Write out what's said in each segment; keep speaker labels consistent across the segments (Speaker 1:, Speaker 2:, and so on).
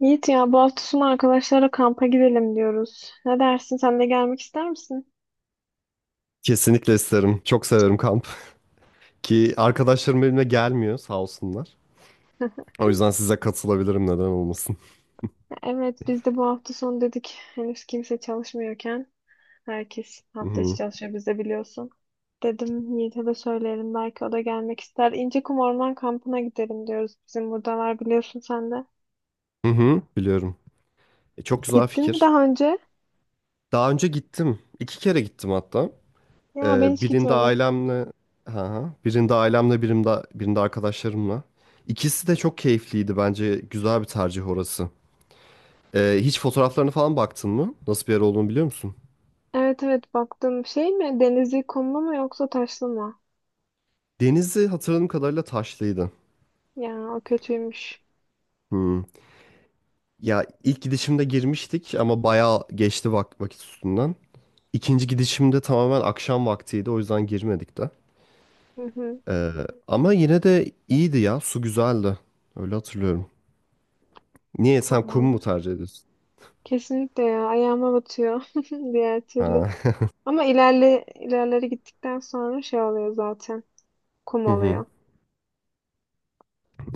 Speaker 1: Yiğit ya bu hafta sonu arkadaşlara kampa gidelim diyoruz. Ne dersin? Sen de gelmek ister misin?
Speaker 2: Kesinlikle isterim. Çok severim kamp. Ki arkadaşlarım benimle gelmiyor sağ olsunlar. O yüzden size katılabilirim, neden olmasın.
Speaker 1: Evet biz de bu hafta sonu dedik. Henüz kimse çalışmıyorken herkes
Speaker 2: Hı
Speaker 1: hafta içi
Speaker 2: hı.
Speaker 1: çalışıyor biz de biliyorsun. Dedim Yiğit'e de söyleyelim belki o da gelmek ister. İncekum Orman Kampı'na gidelim diyoruz. Bizim buradalar biliyorsun sen de.
Speaker 2: Hı hı, biliyorum. Çok güzel
Speaker 1: Gittin mi
Speaker 2: fikir.
Speaker 1: daha önce?
Speaker 2: Daha önce gittim. İki kere gittim hatta.
Speaker 1: Ya ben hiç
Speaker 2: Birinde
Speaker 1: gitmedim.
Speaker 2: ailemle ha. birinde ailemle, birinde arkadaşlarımla. İkisi de çok keyifliydi bence. Güzel bir tercih orası. Hiç fotoğraflarına falan baktın mı? Nasıl bir yer olduğunu biliyor musun?
Speaker 1: Evet, evet, baktım. Şey mi? Denizli kumlu mu yoksa taşlı mı?
Speaker 2: Denizi hatırladığım kadarıyla taşlıydı.
Speaker 1: Ya o kötüymüş.
Speaker 2: Hı. Ya ilk gidişimde girmiştik ama bayağı geçti vakit üstünden. İkinci gidişimde tamamen akşam vaktiydi, o yüzden girmedik de.
Speaker 1: Hı hı,
Speaker 2: Ee, Ama yine de iyiydi ya, su güzeldi. Öyle hatırlıyorum. Niye, sen kum
Speaker 1: tamam.
Speaker 2: mu tercih ediyorsun?
Speaker 1: Kesinlikle ya ayağıma batıyor diğer türlü.
Speaker 2: Ha.
Speaker 1: Ama ilerleri gittikten sonra şey oluyor zaten. Kum
Speaker 2: Hı hı,
Speaker 1: oluyor.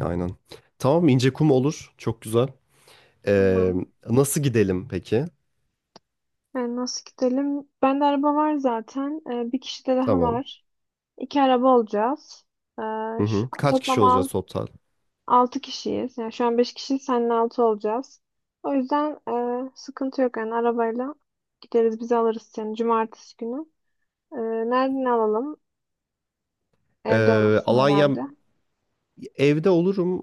Speaker 2: aynen. Tamam, ince kum olur. Çok güzel. Ee,
Speaker 1: Tamam.
Speaker 2: Nasıl gidelim peki?
Speaker 1: Yani nasıl gidelim? Bende araba var zaten. Bir kişi de daha
Speaker 2: Tamam.
Speaker 1: var. İki araba olacağız. Ee,
Speaker 2: Hı
Speaker 1: şu,
Speaker 2: hı. Kaç kişi
Speaker 1: toplam al,
Speaker 2: olacağız total?
Speaker 1: Altı kişiyiz. Yani şu an beş kişi seninle altı olacağız. O yüzden sıkıntı yok yani arabayla gideriz bizi alırız yani cumartesi günü. Ee, Nereden alalım? Evde olursun
Speaker 2: Alanya,
Speaker 1: herhalde.
Speaker 2: evde olurum.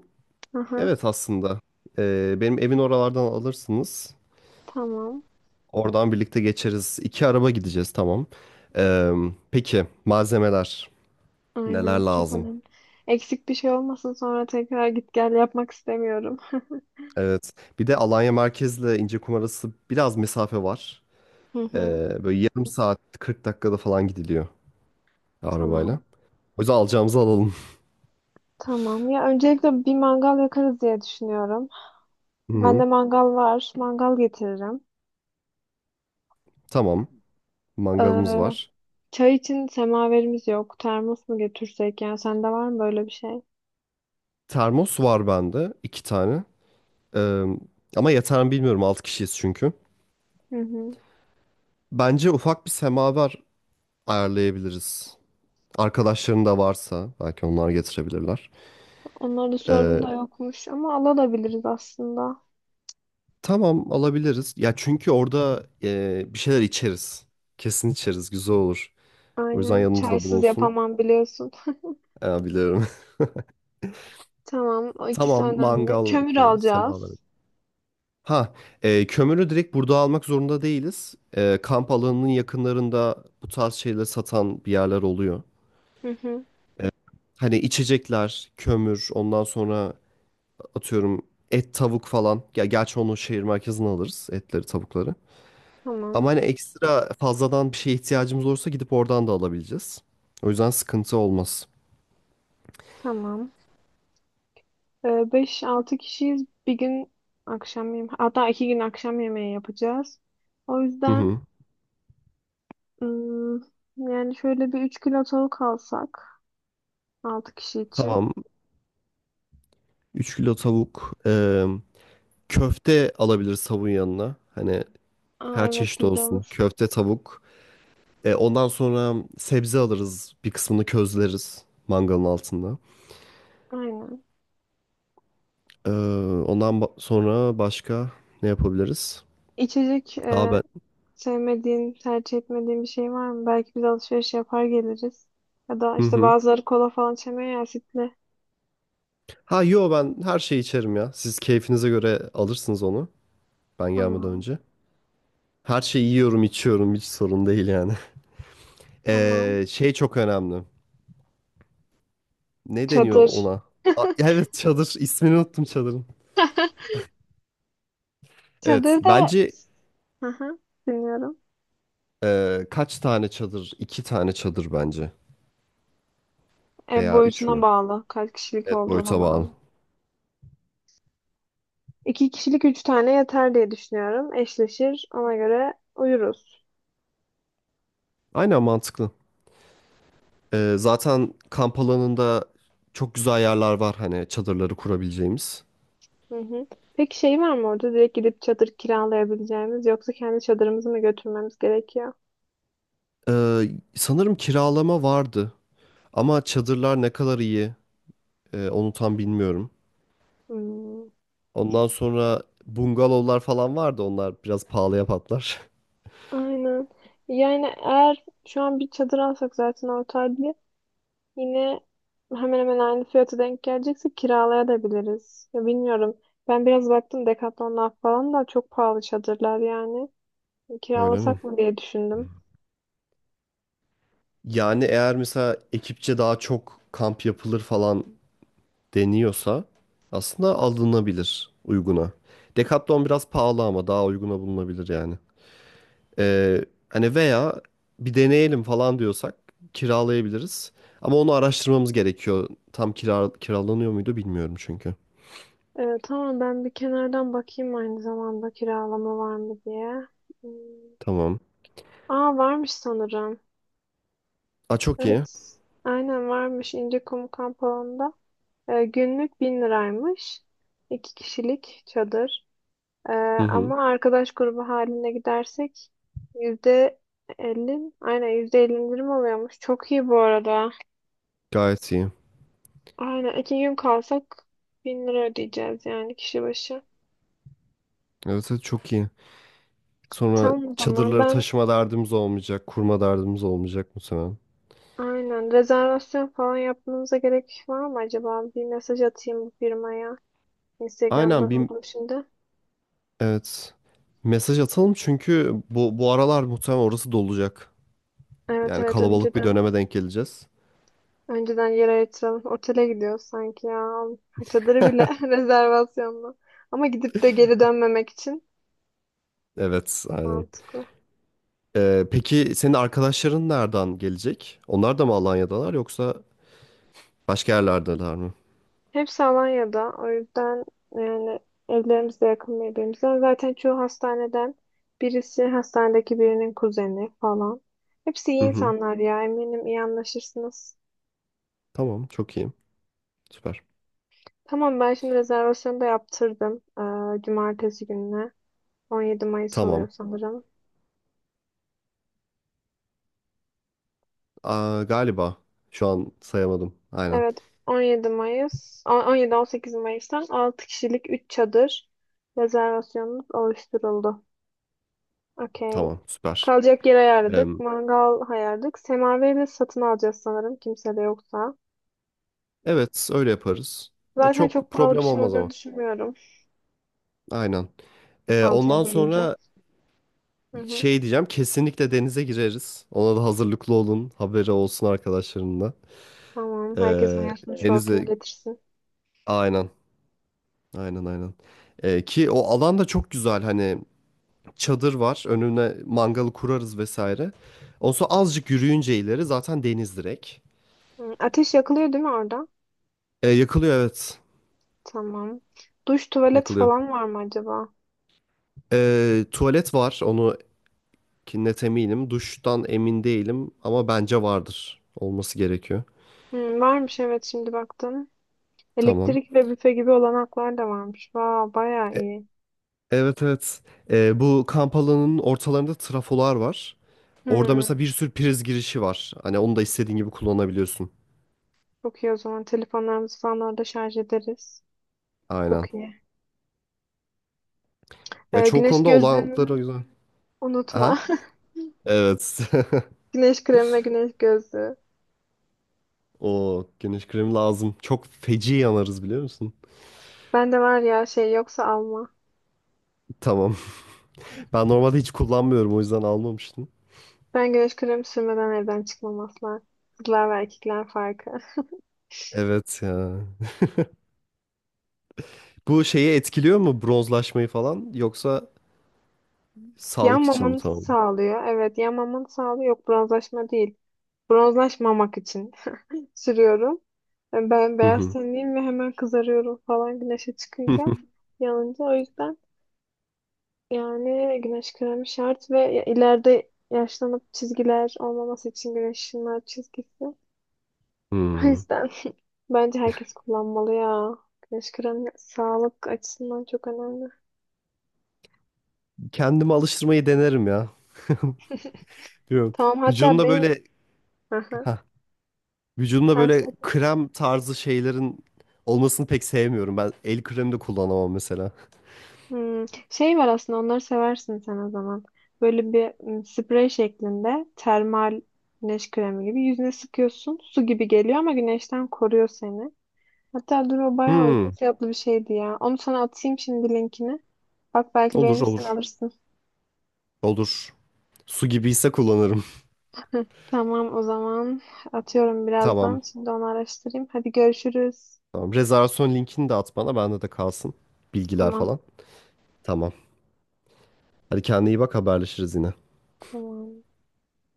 Speaker 1: Aha,
Speaker 2: Evet aslında. Benim evin oralardan alırsınız.
Speaker 1: tamam.
Speaker 2: Oradan birlikte geçeriz. İki araba gideceğiz, tamam. Ee, peki malzemeler neler
Speaker 1: Aynen, çok
Speaker 2: lazım?
Speaker 1: önemli. Eksik bir şey olmasın, sonra tekrar git gel yapmak istemiyorum.
Speaker 2: Evet. Bir de Alanya merkezle İncekum arası biraz mesafe var.
Speaker 1: Hı hı.
Speaker 2: Böyle yarım saat 40 dakikada falan gidiliyor arabayla.
Speaker 1: Tamam.
Speaker 2: O yüzden alacağımızı alalım.
Speaker 1: Tamam. Ya öncelikle bir mangal yakarız diye düşünüyorum.
Speaker 2: Hı
Speaker 1: Bende
Speaker 2: hı.
Speaker 1: mangal var. Mangal getiririm.
Speaker 2: Tamam.
Speaker 1: Ee,
Speaker 2: Mangalımız var.
Speaker 1: Çay için semaverimiz yok. Termos mu getirsek? Yani sende var mı böyle bir şey?
Speaker 2: Termos var bende, iki tane. Ee, Ama yeter mi bilmiyorum. Altı kişiyiz çünkü.
Speaker 1: Hı hı.
Speaker 2: Bence ufak bir semaver ayarlayabiliriz. Arkadaşların da varsa belki onlar getirebilirler.
Speaker 1: Onlara da sordum
Speaker 2: Ee,
Speaker 1: da yokmuş ama alabiliriz aslında.
Speaker 2: tamam, alabiliriz. Ya çünkü orada bir şeyler içeriz. Kesin içeriz. Güzel olur. O yüzden
Speaker 1: Aynen.
Speaker 2: yanımızda
Speaker 1: Çaysız
Speaker 2: bulunsun.
Speaker 1: yapamam biliyorsun.
Speaker 2: Biliyorum.
Speaker 1: Tamam. O ikisi
Speaker 2: Tamam,
Speaker 1: önemli.
Speaker 2: mangal
Speaker 1: Kömür
Speaker 2: okey. Semaver.
Speaker 1: alacağız.
Speaker 2: Ha, kömürü direkt burada almak zorunda değiliz. E, kamp alanının yakınlarında bu tarz şeyleri satan bir yerler oluyor.
Speaker 1: Hı hı.
Speaker 2: Hani içecekler, kömür, ondan sonra atıyorum et, tavuk falan. Ya gerçi onu şehir merkezine alırız, etleri, tavukları.
Speaker 1: Tamam.
Speaker 2: Ama hani ekstra fazladan bir şeye ihtiyacımız olursa gidip oradan da alabileceğiz. O yüzden sıkıntı olmaz.
Speaker 1: Tamam. Beş altı kişiyiz. Bir gün akşam yemeği, hatta iki gün akşam yemeği yapacağız. O
Speaker 2: Hı
Speaker 1: yüzden
Speaker 2: hı.
Speaker 1: ım, yani şöyle bir 3 kilo tavuk alsak 6 kişi için.
Speaker 2: Tamam. 3 kilo tavuk. Köfte alabiliriz tavuğun yanına. Hani
Speaker 1: Aa,
Speaker 2: her
Speaker 1: evet
Speaker 2: çeşit
Speaker 1: güzel
Speaker 2: olsun.
Speaker 1: olur.
Speaker 2: Köfte, tavuk. Ondan sonra sebze alırız. Bir kısmını közleriz mangalın altında.
Speaker 1: Aynen.
Speaker 2: Ee, Sonra başka ne yapabiliriz?
Speaker 1: İçecek
Speaker 2: Daha ben...
Speaker 1: sevmediğin, tercih etmediğin bir şey var mı? Belki biz alışveriş yapar geliriz. Ya da
Speaker 2: Hı
Speaker 1: işte
Speaker 2: hı.
Speaker 1: bazıları kola falan içemiyor ya, asitli.
Speaker 2: Ha yo, ben her şeyi içerim ya. Siz keyfinize göre alırsınız onu. Ben gelmeden
Speaker 1: Tamam.
Speaker 2: önce. Her şeyi yiyorum, içiyorum. Hiç sorun değil yani.
Speaker 1: Tamam.
Speaker 2: Şey çok önemli. Ne deniyor
Speaker 1: Çadır.
Speaker 2: ona? Aa, evet, çadır. İsmini unuttum çadırın. Evet.
Speaker 1: Çadır da...
Speaker 2: Bence
Speaker 1: Hı hı, dinliyorum.
Speaker 2: kaç tane çadır? İki tane çadır bence.
Speaker 1: Ev
Speaker 2: Veya üç
Speaker 1: boyutuna
Speaker 2: mü?
Speaker 1: bağlı. Kaç kişilik
Speaker 2: Evet,
Speaker 1: olduğuna
Speaker 2: boyuta bağlı.
Speaker 1: bağlı. İki kişilik üç tane yeter diye düşünüyorum. Eşleşir. Ona göre uyuruz.
Speaker 2: Aynen, mantıklı. Zaten kamp alanında çok güzel yerler var. Hani çadırları kurabileceğimiz.
Speaker 1: Hı hı. Peki şey var mı orada? Direkt gidip çadır kiralayabileceğimiz, yoksa kendi çadırımızı mı götürmemiz gerekiyor?
Speaker 2: Ee, Sanırım kiralama vardı. Ama çadırlar ne kadar iyi, onu tam bilmiyorum.
Speaker 1: Hmm,
Speaker 2: Ondan sonra bungalovlar falan vardı. Onlar biraz pahalıya patlar.
Speaker 1: aynen. Yani eğer şu an bir çadır alsak zaten ortaydı, yine hemen hemen aynı fiyata denk gelecekse kiralayabiliriz. Ya, bilmiyorum. Ben biraz baktım, Decathlon'dan falan da çok pahalı çadırlar yani.
Speaker 2: Öyle mi?
Speaker 1: Kiralasak mı diye düşündüm.
Speaker 2: Yani eğer mesela ekipçe daha çok kamp yapılır falan deniyorsa aslında alınabilir uyguna. Decathlon biraz pahalı ama daha uyguna bulunabilir yani. Hani veya bir deneyelim falan diyorsak kiralayabiliriz. Ama onu araştırmamız gerekiyor. Tam kiralanıyor muydu bilmiyorum çünkü.
Speaker 1: Tamam, ben bir kenardan bakayım aynı zamanda kiralama var mı diye. Hmm.
Speaker 2: Tamam.
Speaker 1: Aa, varmış sanırım.
Speaker 2: Aa, çok iyi.
Speaker 1: Evet. Aynen, varmış İncekum kamp alanında. Günlük 1.000 liraymış. İki kişilik çadır. Ee,
Speaker 2: Hı hı.
Speaker 1: Ama arkadaş grubu haline gidersek %50, aynen %50 indirim oluyormuş. Çok iyi bu arada.
Speaker 2: Gayet iyi.
Speaker 1: Aynen, iki gün kalsak 1.000 lira ödeyeceğiz yani kişi başı.
Speaker 2: Evet, evet çok iyi. Sonra
Speaker 1: Tamam o zaman
Speaker 2: çadırları
Speaker 1: ben...
Speaker 2: taşıma derdimiz olmayacak, kurma derdimiz olmayacak muhtemelen.
Speaker 1: Aynen. Rezervasyon falan yapmanıza gerek var mı acaba? Bir mesaj atayım bu firmaya.
Speaker 2: Aynen,
Speaker 1: Instagram'da
Speaker 2: bir,
Speaker 1: buldum şimdi.
Speaker 2: evet, mesaj atalım çünkü bu aralar muhtemelen orası dolacak.
Speaker 1: Evet
Speaker 2: Yani
Speaker 1: evet
Speaker 2: kalabalık bir
Speaker 1: önceden.
Speaker 2: döneme denk geleceğiz.
Speaker 1: Önceden yer ayırtalım. Otele gidiyoruz sanki ya. Çadırı bile rezervasyonla. Ama gidip de geri dönmemek için
Speaker 2: Evet, aynen.
Speaker 1: mantıklı.
Speaker 2: Peki senin arkadaşların nereden gelecek? Onlar da mı Alanya'dalar yoksa başka yerlerdeler mi?
Speaker 1: Hepsi Alanya'da. O yüzden yani evlerimiz de yakın birbirimize. Zaten çoğu hastaneden, birisi hastanedeki birinin kuzeni falan. Hepsi
Speaker 2: Hı
Speaker 1: iyi
Speaker 2: hı.
Speaker 1: insanlar ya. Eminim iyi anlaşırsınız.
Speaker 2: Tamam, çok iyi. Süper.
Speaker 1: Tamam, ben şimdi rezervasyonu da yaptırdım. Cumartesi gününe. 17 Mayıs oluyor
Speaker 2: Tamam.
Speaker 1: sanırım.
Speaker 2: Aa, galiba şu an sayamadım. Aynen.
Speaker 1: Evet, 17 Mayıs, 17-18 Mayıs'tan 6 kişilik 3 çadır rezervasyonumuz oluşturuldu. Okey.
Speaker 2: Tamam, süper.
Speaker 1: Kalacak yer ayarladık, mangal ayarladık. Semaverini de satın alacağız sanırım kimse de yoksa.
Speaker 2: Evet, öyle yaparız. E,
Speaker 1: Zaten çok
Speaker 2: çok
Speaker 1: pahalı bir
Speaker 2: problem
Speaker 1: şey
Speaker 2: olmaz
Speaker 1: olacağını
Speaker 2: ama.
Speaker 1: düşünmüyorum,
Speaker 2: Aynen.
Speaker 1: altıya
Speaker 2: Ondan
Speaker 1: bölünce.
Speaker 2: sonra
Speaker 1: Hı hı.
Speaker 2: şey diyeceğim, kesinlikle denize gireriz. Ona da hazırlıklı olun, haberi olsun arkadaşlarının da.
Speaker 1: Tamam, herkes
Speaker 2: E,
Speaker 1: ayasını... Evet. Şortunu
Speaker 2: denize,
Speaker 1: getirsin.
Speaker 2: aynen, aynen, aynen. Ki o alan da çok güzel, hani çadır var, önüne mangalı kurarız vesaire. Ondan sonra azıcık yürüyünce ileri zaten deniz direkt.
Speaker 1: Hı, ateş yakılıyor değil mi orada?
Speaker 2: E, yakılıyor, evet,
Speaker 1: Tamam. Duş, tuvalet
Speaker 2: yakılıyor.
Speaker 1: falan var mı acaba?
Speaker 2: E, tuvalet var, onu ki net eminim. Duştan emin değilim ama bence vardır. Olması gerekiyor.
Speaker 1: Hmm, varmış, evet, şimdi baktım.
Speaker 2: Tamam.
Speaker 1: Elektrik ve büfe gibi olanaklar da varmış. Vay, bayağı iyi.
Speaker 2: Evet, evet. Bu kamp alanının ortalarında trafolar var. Orada
Speaker 1: Hmm,
Speaker 2: mesela bir sürü priz girişi var. Hani onu da istediğin gibi kullanabiliyorsun.
Speaker 1: çok iyi o zaman, telefonlarımızı falan orada şarj ederiz.
Speaker 2: Aynen.
Speaker 1: Çok iyi.
Speaker 2: Ya çoğu
Speaker 1: Güneş
Speaker 2: konuda olanakları
Speaker 1: gözlüğümü
Speaker 2: güzel. Aha.
Speaker 1: unutma.
Speaker 2: Evet.
Speaker 1: Güneş kremi ve güneş gözlüğü.
Speaker 2: O güneş kremi lazım. Çok feci yanarız, biliyor musun?
Speaker 1: Ben de var ya, şey yoksa alma.
Speaker 2: Tamam. Ben normalde hiç kullanmıyorum, o yüzden almamıştım.
Speaker 1: Ben güneş kremi sürmeden evden çıkmam asla. Kızlar ve erkekler farkı.
Speaker 2: Evet ya. Bu şeyi etkiliyor mu bronzlaşmayı falan, yoksa sağlık için mi,
Speaker 1: Yanmamanı
Speaker 2: tamam?
Speaker 1: sağlıyor. Evet, yanmamanı sağlıyor. Yok, bronzlaşma değil. Bronzlaşmamak için sürüyorum. Yani ben
Speaker 2: Hı
Speaker 1: beyaz
Speaker 2: hı.
Speaker 1: tenliyim ve hemen kızarıyorum falan, güneşe çıkınca, yanınca. O yüzden yani güneş kremi şart ve ileride yaşlanıp çizgiler olmaması için, güneş ışınlar çizgisi. O
Speaker 2: Hmm.
Speaker 1: yüzden bence herkes kullanmalı ya. Güneş kremi sağlık açısından çok önemli.
Speaker 2: Kendimi alıştırmayı denerim ya. Bilmiyorum.
Speaker 1: Tamam, hatta
Speaker 2: Vücudumda
Speaker 1: benim...
Speaker 2: böyle,
Speaker 1: Aha,
Speaker 2: ha, vücudumda böyle krem tarzı şeylerin olmasını pek sevmiyorum. Ben el kremi de kullanamam mesela.
Speaker 1: hmm, şey var aslında, onları seversin sen o zaman. Böyle bir sprey şeklinde termal güneş kremi gibi, yüzüne sıkıyorsun. Su gibi geliyor ama güneşten koruyor seni. Hatta dur, o bayağı uygun
Speaker 2: Hmm.
Speaker 1: fiyatlı bir şeydi ya. Onu sana atayım şimdi linkini. Bak, belki
Speaker 2: Olur,
Speaker 1: beğenirsen
Speaker 2: olur.
Speaker 1: alırsın.
Speaker 2: Olur. Su gibiyse kullanırım.
Speaker 1: Tamam o zaman, atıyorum birazdan.
Speaker 2: Tamam.
Speaker 1: Şimdi onu araştırayım. Hadi görüşürüz.
Speaker 2: Tamam. Rezervasyon linkini de at bana. Bende de kalsın. Bilgiler
Speaker 1: Tamam
Speaker 2: falan. Tamam. Hadi kendine iyi bak, haberleşiriz yine.
Speaker 1: tamam.